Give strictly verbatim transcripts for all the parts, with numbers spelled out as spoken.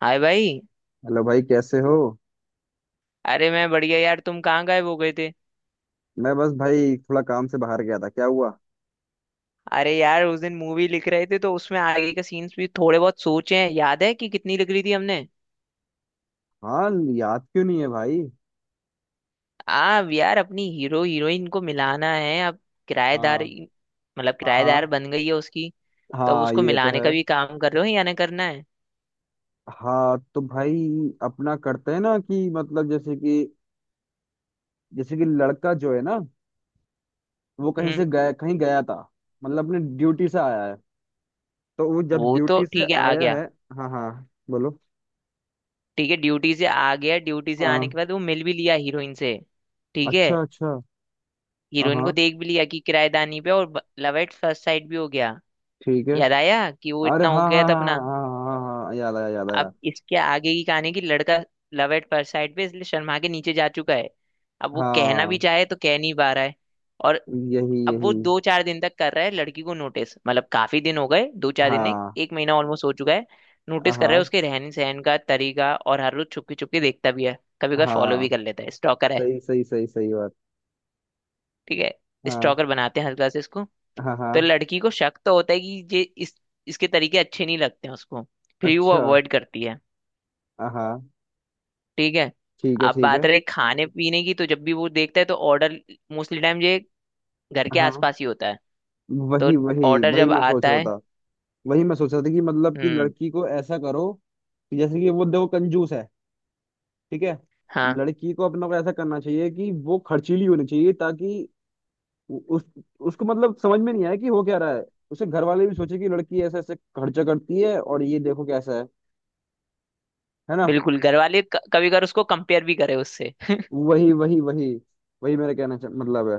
हाय भाई। हेलो भाई, कैसे हो। अरे मैं बढ़िया यार, तुम कहाँ गायब हो गए थे? मैं बस भाई थोड़ा काम से बाहर गया था। क्या हुआ। अरे यार, उस दिन मूवी लिख रहे थे तो उसमें आगे के सीन्स भी थोड़े बहुत सोचे हैं, याद है कि कितनी लिख रही थी हमने? हाँ। याद क्यों नहीं है भाई। आ यार, अपनी हीरो हीरोइन को मिलाना है अब। किराएदार। हाँ मतलब हाँ, किराएदार हाँ। बन गई है उसकी। तो अब हाँ, उसको ये तो मिलाने है। का भी काम कर रहे हो या ना करना है? हाँ तो भाई अपना करते हैं ना कि मतलब जैसे कि जैसे कि लड़का जो है ना, वो कहीं हम्म। से गया, कहीं गया था। मतलब अपने ड्यूटी से आया है, तो वो जब वो तो ड्यूटी से ठीक है, आ आया गया। है। हाँ, हाँ, बोलो। ठीक है, ड्यूटी से आ गया, ड्यूटी से आने हाँ। के बाद वो मिल भी लिया हीरोइन से। ठीक है। अच्छा, अच्छा। हाँ, हीरोइन को हाँ। देख भी लिया कि किराएदानी पे, और लव एट फर्स्ट साइड भी हो गया। ठीक है। याद आया कि वो अरे इतना हो हाँ गया हाँ था हाँ अपना। हाँ हाँ हाँ हाँ हाँ, याद आया, याद आया। अब इसके आगे की कहानी की लड़का लव एट फर्स्ट साइड पे इसलिए शर्मा के नीचे जा चुका है। अब वो कहना भी हाँ। चाहे तो कह नहीं पा रहा है। और यही अब यही। वो दो चार दिन तक कर रहा है लड़की को नोटिस, मतलब काफी दिन हो गए, दो चार दिन नहीं, हाँ, एक महीना ऑलमोस्ट हो चुका है। नोटिस कर रहा है हाँ, उसके रहन सहन का तरीका, और हर रोज छुपके छुपके देखता भी है, कभी कभी फॉलो हाँ, भी कर लेता है, स्टॉकर है। सही सही सही सही बात। ठीक है, हाँ, स्टॉकर बनाते हैं हल्का से इसको। हाँ, हाँ। तो लड़की को शक तो होता है कि ये इस इसके तरीके अच्छे नहीं लगते हैं उसको। फिर भी वो अच्छा। अवॉइड करती है। हाँ। ठीक है। ठीक है, अब ठीक है। बात रही खाने पीने की, तो जब भी वो देखता है तो ऑर्डर मोस्टली टाइम ये घर के हाँ। आसपास ही होता है। तो वही वही ऑर्डर वही जब मैं सोच आता रहा है। था। वही मैं सोच रहा था कि मतलब कि हम्म। लड़की को ऐसा करो कि जैसे कि वो देखो कंजूस है। ठीक है। हाँ, लड़की को अपना को ऐसा करना चाहिए कि वो खर्चीली होनी चाहिए ताकि उ- उस उसको मतलब समझ में नहीं आए कि हो क्या रहा है। उसे घर वाले भी सोचे कि लड़की ऐसे ऐसे खर्चा करती है और ये देखो कैसा है है ना। बिल्कुल घर वाले क- कभी कभार उसको कंपेयर भी करे उससे। वही वही वही वही मेरा कहना चा- मतलब है।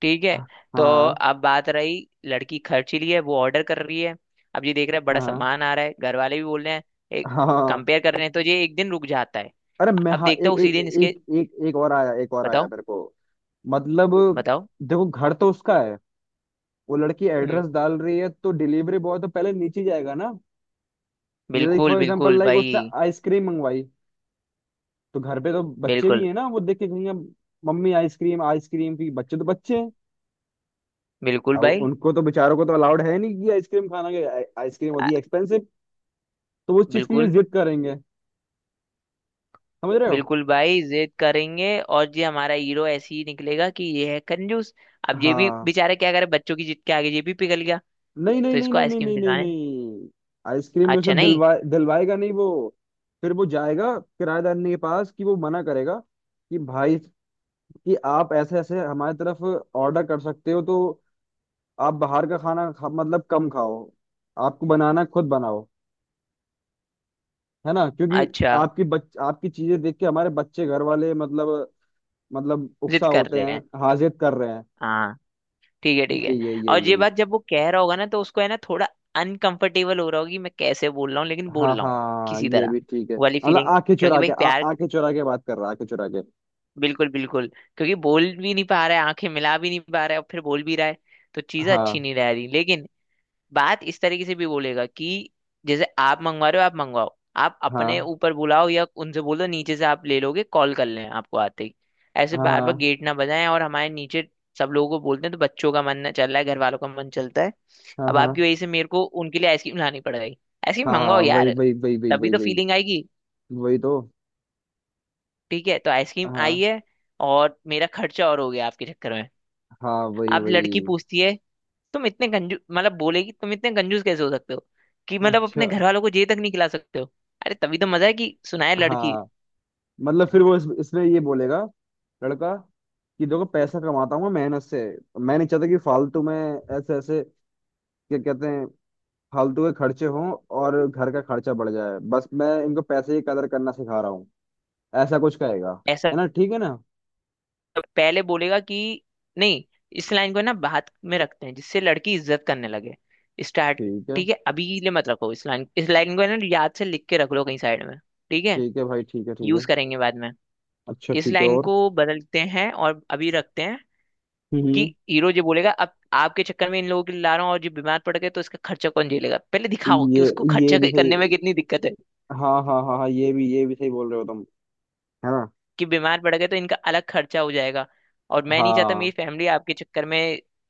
ठीक है। हाँ, तो हाँ, अब बात रही लड़की खर्च रही है, वो ऑर्डर कर रही है। अब ये देख रहा है बड़ा सामान आ रहा है, घर वाले भी बोल रहे हैं, एक हाँ। कंपेयर कर रहे हैं, तो ये एक दिन रुक जाता है। अरे मैं अब हाँ, देखता एक हूँ उसी एक दिन इसके। एक एक एक और आया, एक और आया बताओ। मेरे को। मतलब बताओ। देखो घर तो उसका है। वो लड़की हम्म। एड्रेस डाल रही है, तो डिलीवरी बॉय तो पहले नीचे जाएगा ना। जैसे बिल्कुल फॉर एग्जांपल बिल्कुल लाइक उसने भाई। आइसक्रीम मंगवाई, तो घर पे तो बच्चे भी बिल्कुल हैं ना, वो देख के कहेंगे मम्मी आइसक्रीम आइसक्रीम की। बच्चे तो बच्चे हैं। बिल्कुल अब भाई। उनको तो बेचारों को तो अलाउड है नहीं कि आइसक्रीम खाना, कि आइसक्रीम आ, होती है एक्सपेंसिव। तो वो उस चीज के लिए बिल्कुल जिद करेंगे। समझ रहे हो। बिल्कुल भाई, जिद करेंगे और ये हमारा हीरो ऐसे ही निकलेगा कि ये है कंजूस। अब ये भी हाँ। बेचारा क्या करे, बच्चों की जिद के आगे ये भी पिघल गया। नहीं नहीं तो नहीं इसको नहीं नहीं आइसक्रीम नहीं नहीं दिलाने। नहीं। आइसक्रीम में उसने अच्छा नहीं। दिलवा दिलवाएगा नहीं वो। फिर वो जाएगा किराएदारनी के पास कि वो मना करेगा कि भाई कि आप ऐसे ऐसे हमारी तरफ ऑर्डर कर सकते हो तो आप बाहर का खाना खा, मतलब कम खाओ। आपको बनाना है, खुद बनाओ। है ना, क्योंकि अच्छा। आपकी बच आपकी चीजें देख के हमारे बच्चे घर वाले मतलब मतलब उकसा जिद कर होते रहे हैं, हैं। हाजिर कर रहे हैं। हाँ। ठीक है, ठीक यही है। यही और यही ये यही। बात जब वो कह रहा होगा ना तो उसको है ना थोड़ा अनकंफर्टेबल हो रहा होगी, मैं कैसे बोल रहा हूँ लेकिन हाँ, बोल रहा हूँ हाँ, किसी ये तरह। भी ठीक है। वो वाली मतलब फीलिंग, आंखें क्योंकि चुरा भाई के आ, प्यार। आंखें चुरा के बात कर रहा है, आंखें चुरा के। बिल्कुल बिल्कुल। क्योंकि बोल भी नहीं पा रहा है, आंखें मिला भी नहीं पा रहा है, और फिर बोल भी रहा है, तो चीजें अच्छी हाँ नहीं रह रही, लेकिन बात इस तरीके से भी बोलेगा कि जैसे आप मंगवा रहे हो, आप मंगवाओ, आप अपने हाँ ऊपर बुलाओ, या उनसे बोलो नीचे से आप ले लोगे, कॉल कर लें आपको आते ही। ऐसे हाँ बार बार हाँ गेट ना बजाएं, और हमारे नीचे सब लोगों को बोलते हैं तो बच्चों का मन ना चल रहा है, घर वालों का मन चलता है। हाँ अब आपकी हाँ वजह से मेरे को उनके लिए आइसक्रीम लानी पड़ गई। आइसक्रीम हाँ मंगवाओ हाँ, वही यार, वही वही वही तभी वही तो वही। फीलिंग आएगी। वही तो। ठीक है, तो आइसक्रीम आई हाँ, है और मेरा खर्चा और हो गया आपके चक्कर में। हाँ। वही अब लड़की वही। पूछती है, तुम इतने कंजूस, मतलब बोलेगी तुम इतने कंजूस कैसे हो सकते हो कि मतलब अच्छा। अपने घर वालों को ये तक नहीं खिला सकते हो? अरे तभी तो मजा है कि सुनाए लड़की। हाँ। मतलब फिर वो इस, इसमें ये बोलेगा लड़का, कि देखो पैसा कमाता हूँ मैं मेहनत से। मैं नहीं चाहता कि फालतू में ऐसे ऐसे क्या कहते हैं, फालतू के खर्चे हों और घर का खर्चा बढ़ जाए। बस मैं इनको पैसे की कदर करना सिखा रहा हूँ। ऐसा कुछ कहेगा। ऐसा है ना, ठीक है ना। पहले बोलेगा कि नहीं, इस लाइन को ना बात में रखते हैं जिससे लड़की इज्जत करने लगे। स्टार्ट। ठीक है, ठीक है, अभी के लिए मत रखो, इस लाइन, इस लाइन को है ना याद से लिख के रख लो कहीं साइड में। ठीक है। ठीक है भाई, ठीक है, ठीक है। यूज करेंगे बाद में। अच्छा इस ठीक है। लाइन और। को बदलते हैं और अभी रखते हैं कि हम्म हीरो ये बोलेगा, अब आपके चक्कर में इन लोगों के लिए ला रहा हूँ और जो बीमार पड़ गए तो इसका खर्चा कौन झेलेगा? पहले दिखाओ कि ये उसको ये खर्चा भी सही। करने में कितनी दिक्कत है। हाँ हाँ हाँ हाँ, ये भी ये भी सही बोल रहे हो तुम। है ना। कि बीमार पड़ गए तो इनका अलग खर्चा हो जाएगा, और मैं नहीं चाहता हाँ, मेरी फैमिली आपके चक्कर में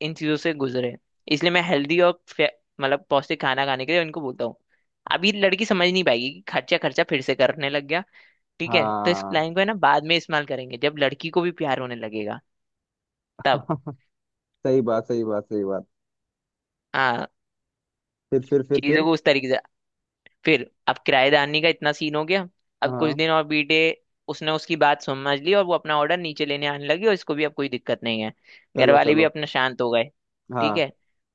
इन चीजों से गुजरे, इसलिए मैं हेल्दी और फे- मतलब पौष्टिक खाना खाने के लिए इनको बोलता हूँ। अभी लड़की समझ नहीं पाएगी कि खर्चा खर्चा फिर से करने लग गया। ठीक है, तो इस हाँ। लाइन को है ना बाद में इस्तेमाल करेंगे जब लड़की को भी प्यार होने लगेगा। तब सही बात, सही बात, सही बात। हाँ, फिर फिर फिर चीजों फिर को उस तरीके से। फिर अब किराएदारनी का इतना सीन हो गया। अब कुछ हाँ। दिन और बीते। उसने उसकी बात समझ ली और वो अपना ऑर्डर नीचे लेने आने लगी, और इसको भी अब कोई दिक्कत नहीं है। घर चलो वाले भी चलो। अपना शांत हो गए। ठीक हाँ। है।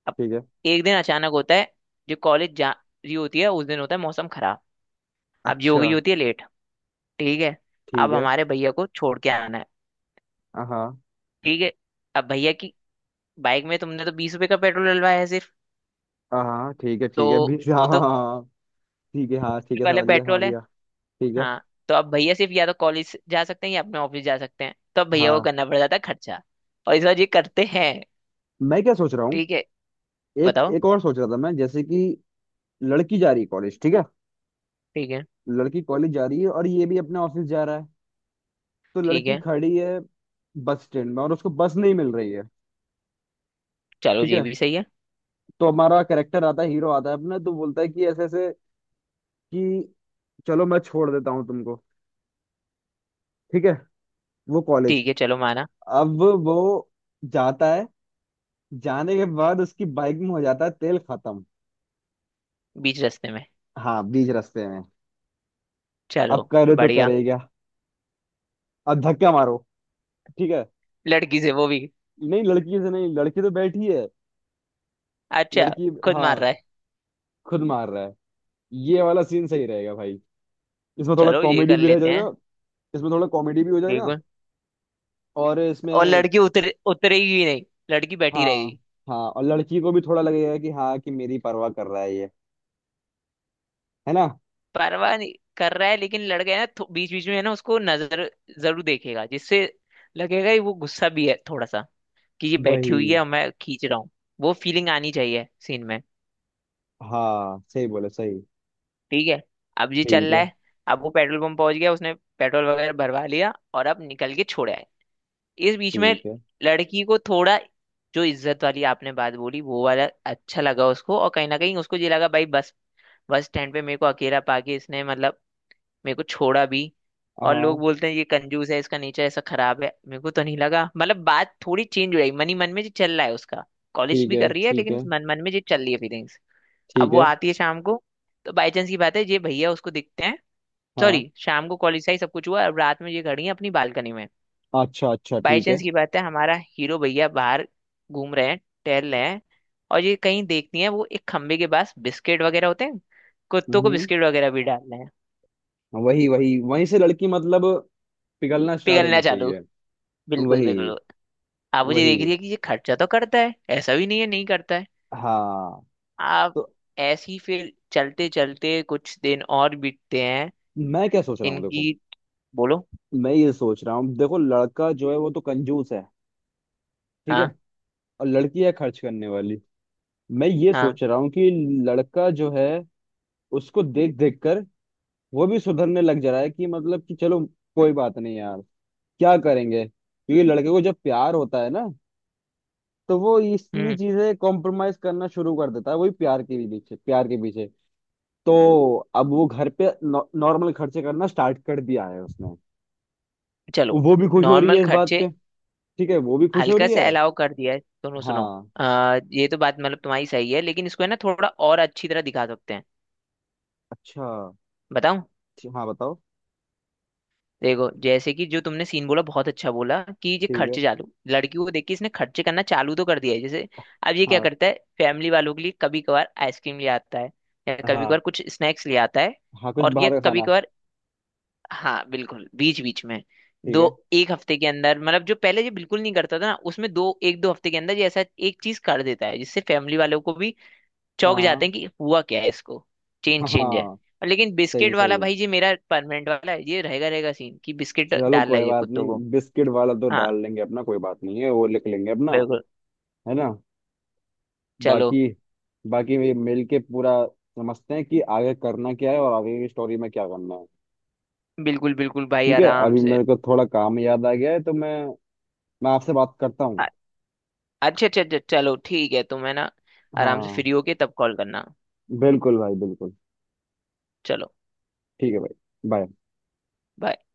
अब ठीक है। एक दिन अचानक होता है, जो कॉलेज जा रही होती है उस दिन होता है मौसम खराब। अब जो हो गई अच्छा। होती है लेट। ठीक है। ठीक अब है। हमारे भैया को छोड़ के आना है। हाँ, ठीक है। अब भैया की बाइक में तुमने तो बीस रुपए का पेट्रोल डलवाया है सिर्फ, हाँ। ठीक है, तो ठीक है, बीस हाँ वो हाँ तो हाँ, ठीक है, हाँ ठीक फ्री है, वाले समझ गया, समझ पेट्रोल है। गया। ठीक है। हाँ। तो अब भैया सिर्फ या तो कॉलेज जा सकते हैं या अपने ऑफिस जा सकते हैं, तो अब भैया को हाँ। करना पड़ जाता है खर्चा। और इस बार ये करते हैं। मैं क्या सोच रहा हूँ। ठीक है। एक बताओ। एक और सोच रहा था मैं, जैसे कि लड़की जा रही है कॉलेज, ठीक है। ठीक है, लड़की कॉलेज जा रही है और ये भी अपने ऑफिस जा रहा है। तो ठीक लड़की है। खड़ी है बस स्टैंड में और उसको बस नहीं मिल रही है। चलो ठीक ये है। भी सही है। तो हमारा कैरेक्टर आता है, हीरो आता है अपना, तो बोलता है कि ऐसे ऐसे कि चलो मैं छोड़ देता हूँ तुमको। ठीक है। वो कॉलेज। ठीक है, चलो माना। अब वो जाता है, जाने के बाद उसकी बाइक में हो जाता है तेल खत्म। बीच रास्ते में। हाँ, बीच रास्ते में। अब चलो, करे तो बढ़िया। करेगा। अब धक्का मारो। ठीक है। लड़की से वो भी। नहीं, लड़की से नहीं, लड़की तो बैठी है। अच्छा, लड़की खुद मार हाँ। रहा है। खुद मार रहा है। ये वाला सीन सही रहेगा भाई। इसमें थोड़ा चलो ये कॉमेडी कर भी रह लेते हैं। जाएगा। इसमें थोड़ा कॉमेडी भी हो जाएगा। बिल्कुल। और और इसमें। लड़की उतरे उतरेगी नहीं, लड़की बैठी रहेगी। हाँ, हाँ, और लड़की को भी थोड़ा लगेगा कि हाँ कि मेरी परवाह कर रहा है ये, है ना। परवाह नहीं कर रहा है लेकिन लड़का है ना, बीच बीच में है ना उसको नजर जरूर देखेगा, जिससे लगेगा कि वो गुस्सा भी है थोड़ा सा कि ये बैठी हुई है वही। और मैं खींच रहा हूँ। वो फीलिंग आनी चाहिए सीन में। हाँ, सही बोले, सही। ठीक है। अब ये चल ठीक रहा है, है। अब वो पेट्रोल पंप पहुंच गया, उसने पेट्रोल वगैरह भरवा लिया और अब निकल के छोड़ा है। इस बीच में ठीक है। लड़की को थोड़ा जो इज्जत वाली आपने बात बोली वो वाला अच्छा लगा उसको, और कहीं ना कहीं उसको ये लगा, भाई बस बस स्टैंड पे मेरे को अकेला पाके इसने मतलब मेरे को छोड़ा भी, और लोग हाँ। बोलते हैं ये कंजूस है, इसका नेचर ऐसा खराब है, मेरे को तो नहीं लगा, मतलब बात थोड़ी चेंज हो रही मन ही मन में जो चल रहा है उसका। कॉलेज ठीक भी है। कर रही है ठीक लेकिन है, मन मन में जो चल रही है फीलिंग्स। अब ठीक वो है। आती है शाम को, तो बाई चांस की बात है ये भैया उसको दिखते हैं। हाँ। सॉरी, शाम को कॉलेज से ही सब कुछ हुआ, अब रात में ये खड़ी है अपनी बालकनी में। अच्छा, अच्छा, बाई ठीक है। चांस की बात है हमारा हीरो भैया बाहर घूम रहे हैं, टहल रहे हैं, और ये कहीं देखती है वो एक खंबे के पास बिस्किट वगैरह होते हैं, कुत्तों को हम्म बिस्किट वगैरह भी डाल रहे हैं। वही वही, वहीं से लड़की मतलब पिघलना स्टार्ट पिघलना होनी चालू। चाहिए। बिल्कुल वही बिल्कुल। आप मुझे वही। देख रही है कि ये खर्चा तो करता है, ऐसा भी नहीं है नहीं करता है हाँ। आप। तो ऐसे ही फिर चलते चलते कुछ दिन और बीतते हैं मैं क्या सोच रहा हूँ, देखो। इनकी। बोलो। मैं ये सोच रहा हूँ देखो, लड़का जो है वो तो कंजूस है, ठीक है। हाँ। और लड़की है खर्च करने वाली। मैं ये हाँ। सोच रहा हूँ कि लड़का जो है उसको देख देख कर वो भी सुधरने लग जा रहा है। कि मतलब कि चलो कोई बात नहीं यार, क्या करेंगे। क्योंकि लड़के को जब प्यार होता है ना, तो वो इतनी हम्म। चीजें कॉम्प्रोमाइज करना शुरू कर देता है, वही प्यार के भी पीछे, प्यार के पीछे। तो अब वो घर पे नॉर्मल खर्चे करना स्टार्ट कर दिया है उसने। चलो। वो भी खुश हो रही नॉर्मल है इस बात खर्चे। पे। ठीक है, वो भी खुश हो हल्का रही से है। अलाउ कर दिया है, सुनो सुनो। हाँ। आ, ये तो बात मतलब तुम्हारी सही है लेकिन इसको है ना थोड़ा और अच्छी तरह दिखा सकते हैं। अच्छा। बताओ। ठी- हाँ, बताओ। देखो जैसे कि जो तुमने सीन बोला बहुत अच्छा बोला, कि ये ठीक है। खर्चे चालू, लड़की को देख के इसने खर्चे करना चालू तो कर दिया है जैसे। अब ये क्या हाँ। करता है, फैमिली वालों के लिए कभी कभार आइसक्रीम ले आता है या कभी हाँ। कभार कुछ स्नैक्स ले आता है। हाँ, कुछ और ये बाहर का कभी खाना। कभार, हाँ बिल्कुल बीच बीच में, ठीक दो है। एक हफ्ते के अंदर, मतलब जो पहले ये बिल्कुल नहीं करता था ना, उसमें दो एक दो हफ्ते के अंदर ये ऐसा एक चीज कर देता है जिससे फैमिली वालों को भी चौंक हाँ, जाते हैं कि हुआ क्या है इसको। चेंज चेंज है। हाँ। और लेकिन सही, बिस्किट वाला सही। भाई जी मेरा परमानेंट वाला है, ये रहेगा रहेगा सीन कि बिस्किट चलो डाल रहा कोई है ये बात कुत्तों को। नहीं, बिस्किट वाला तो हाँ। डाल लेंगे अपना। कोई बात नहीं है, वो लिख लेंगे अपना। बिल्कुल। है ना। चलो। बाकी, बाकी ये मिल के पूरा समझते हैं कि आगे करना क्या है और आगे की स्टोरी में क्या करना है। बिल्कुल बिल्कुल भाई, ठीक है, आराम अभी से। मेरे को थोड़ा काम याद आ गया है, तो मैं मैं आपसे बात करता अ- हूँ। अच्छा अच्छा अच्छा, चलो ठीक है, तुम है ना आराम से हाँ, फ्री होके तब कॉल करना। बिल्कुल भाई, बिल्कुल। चलो ठीक है भाई। बाय। bye।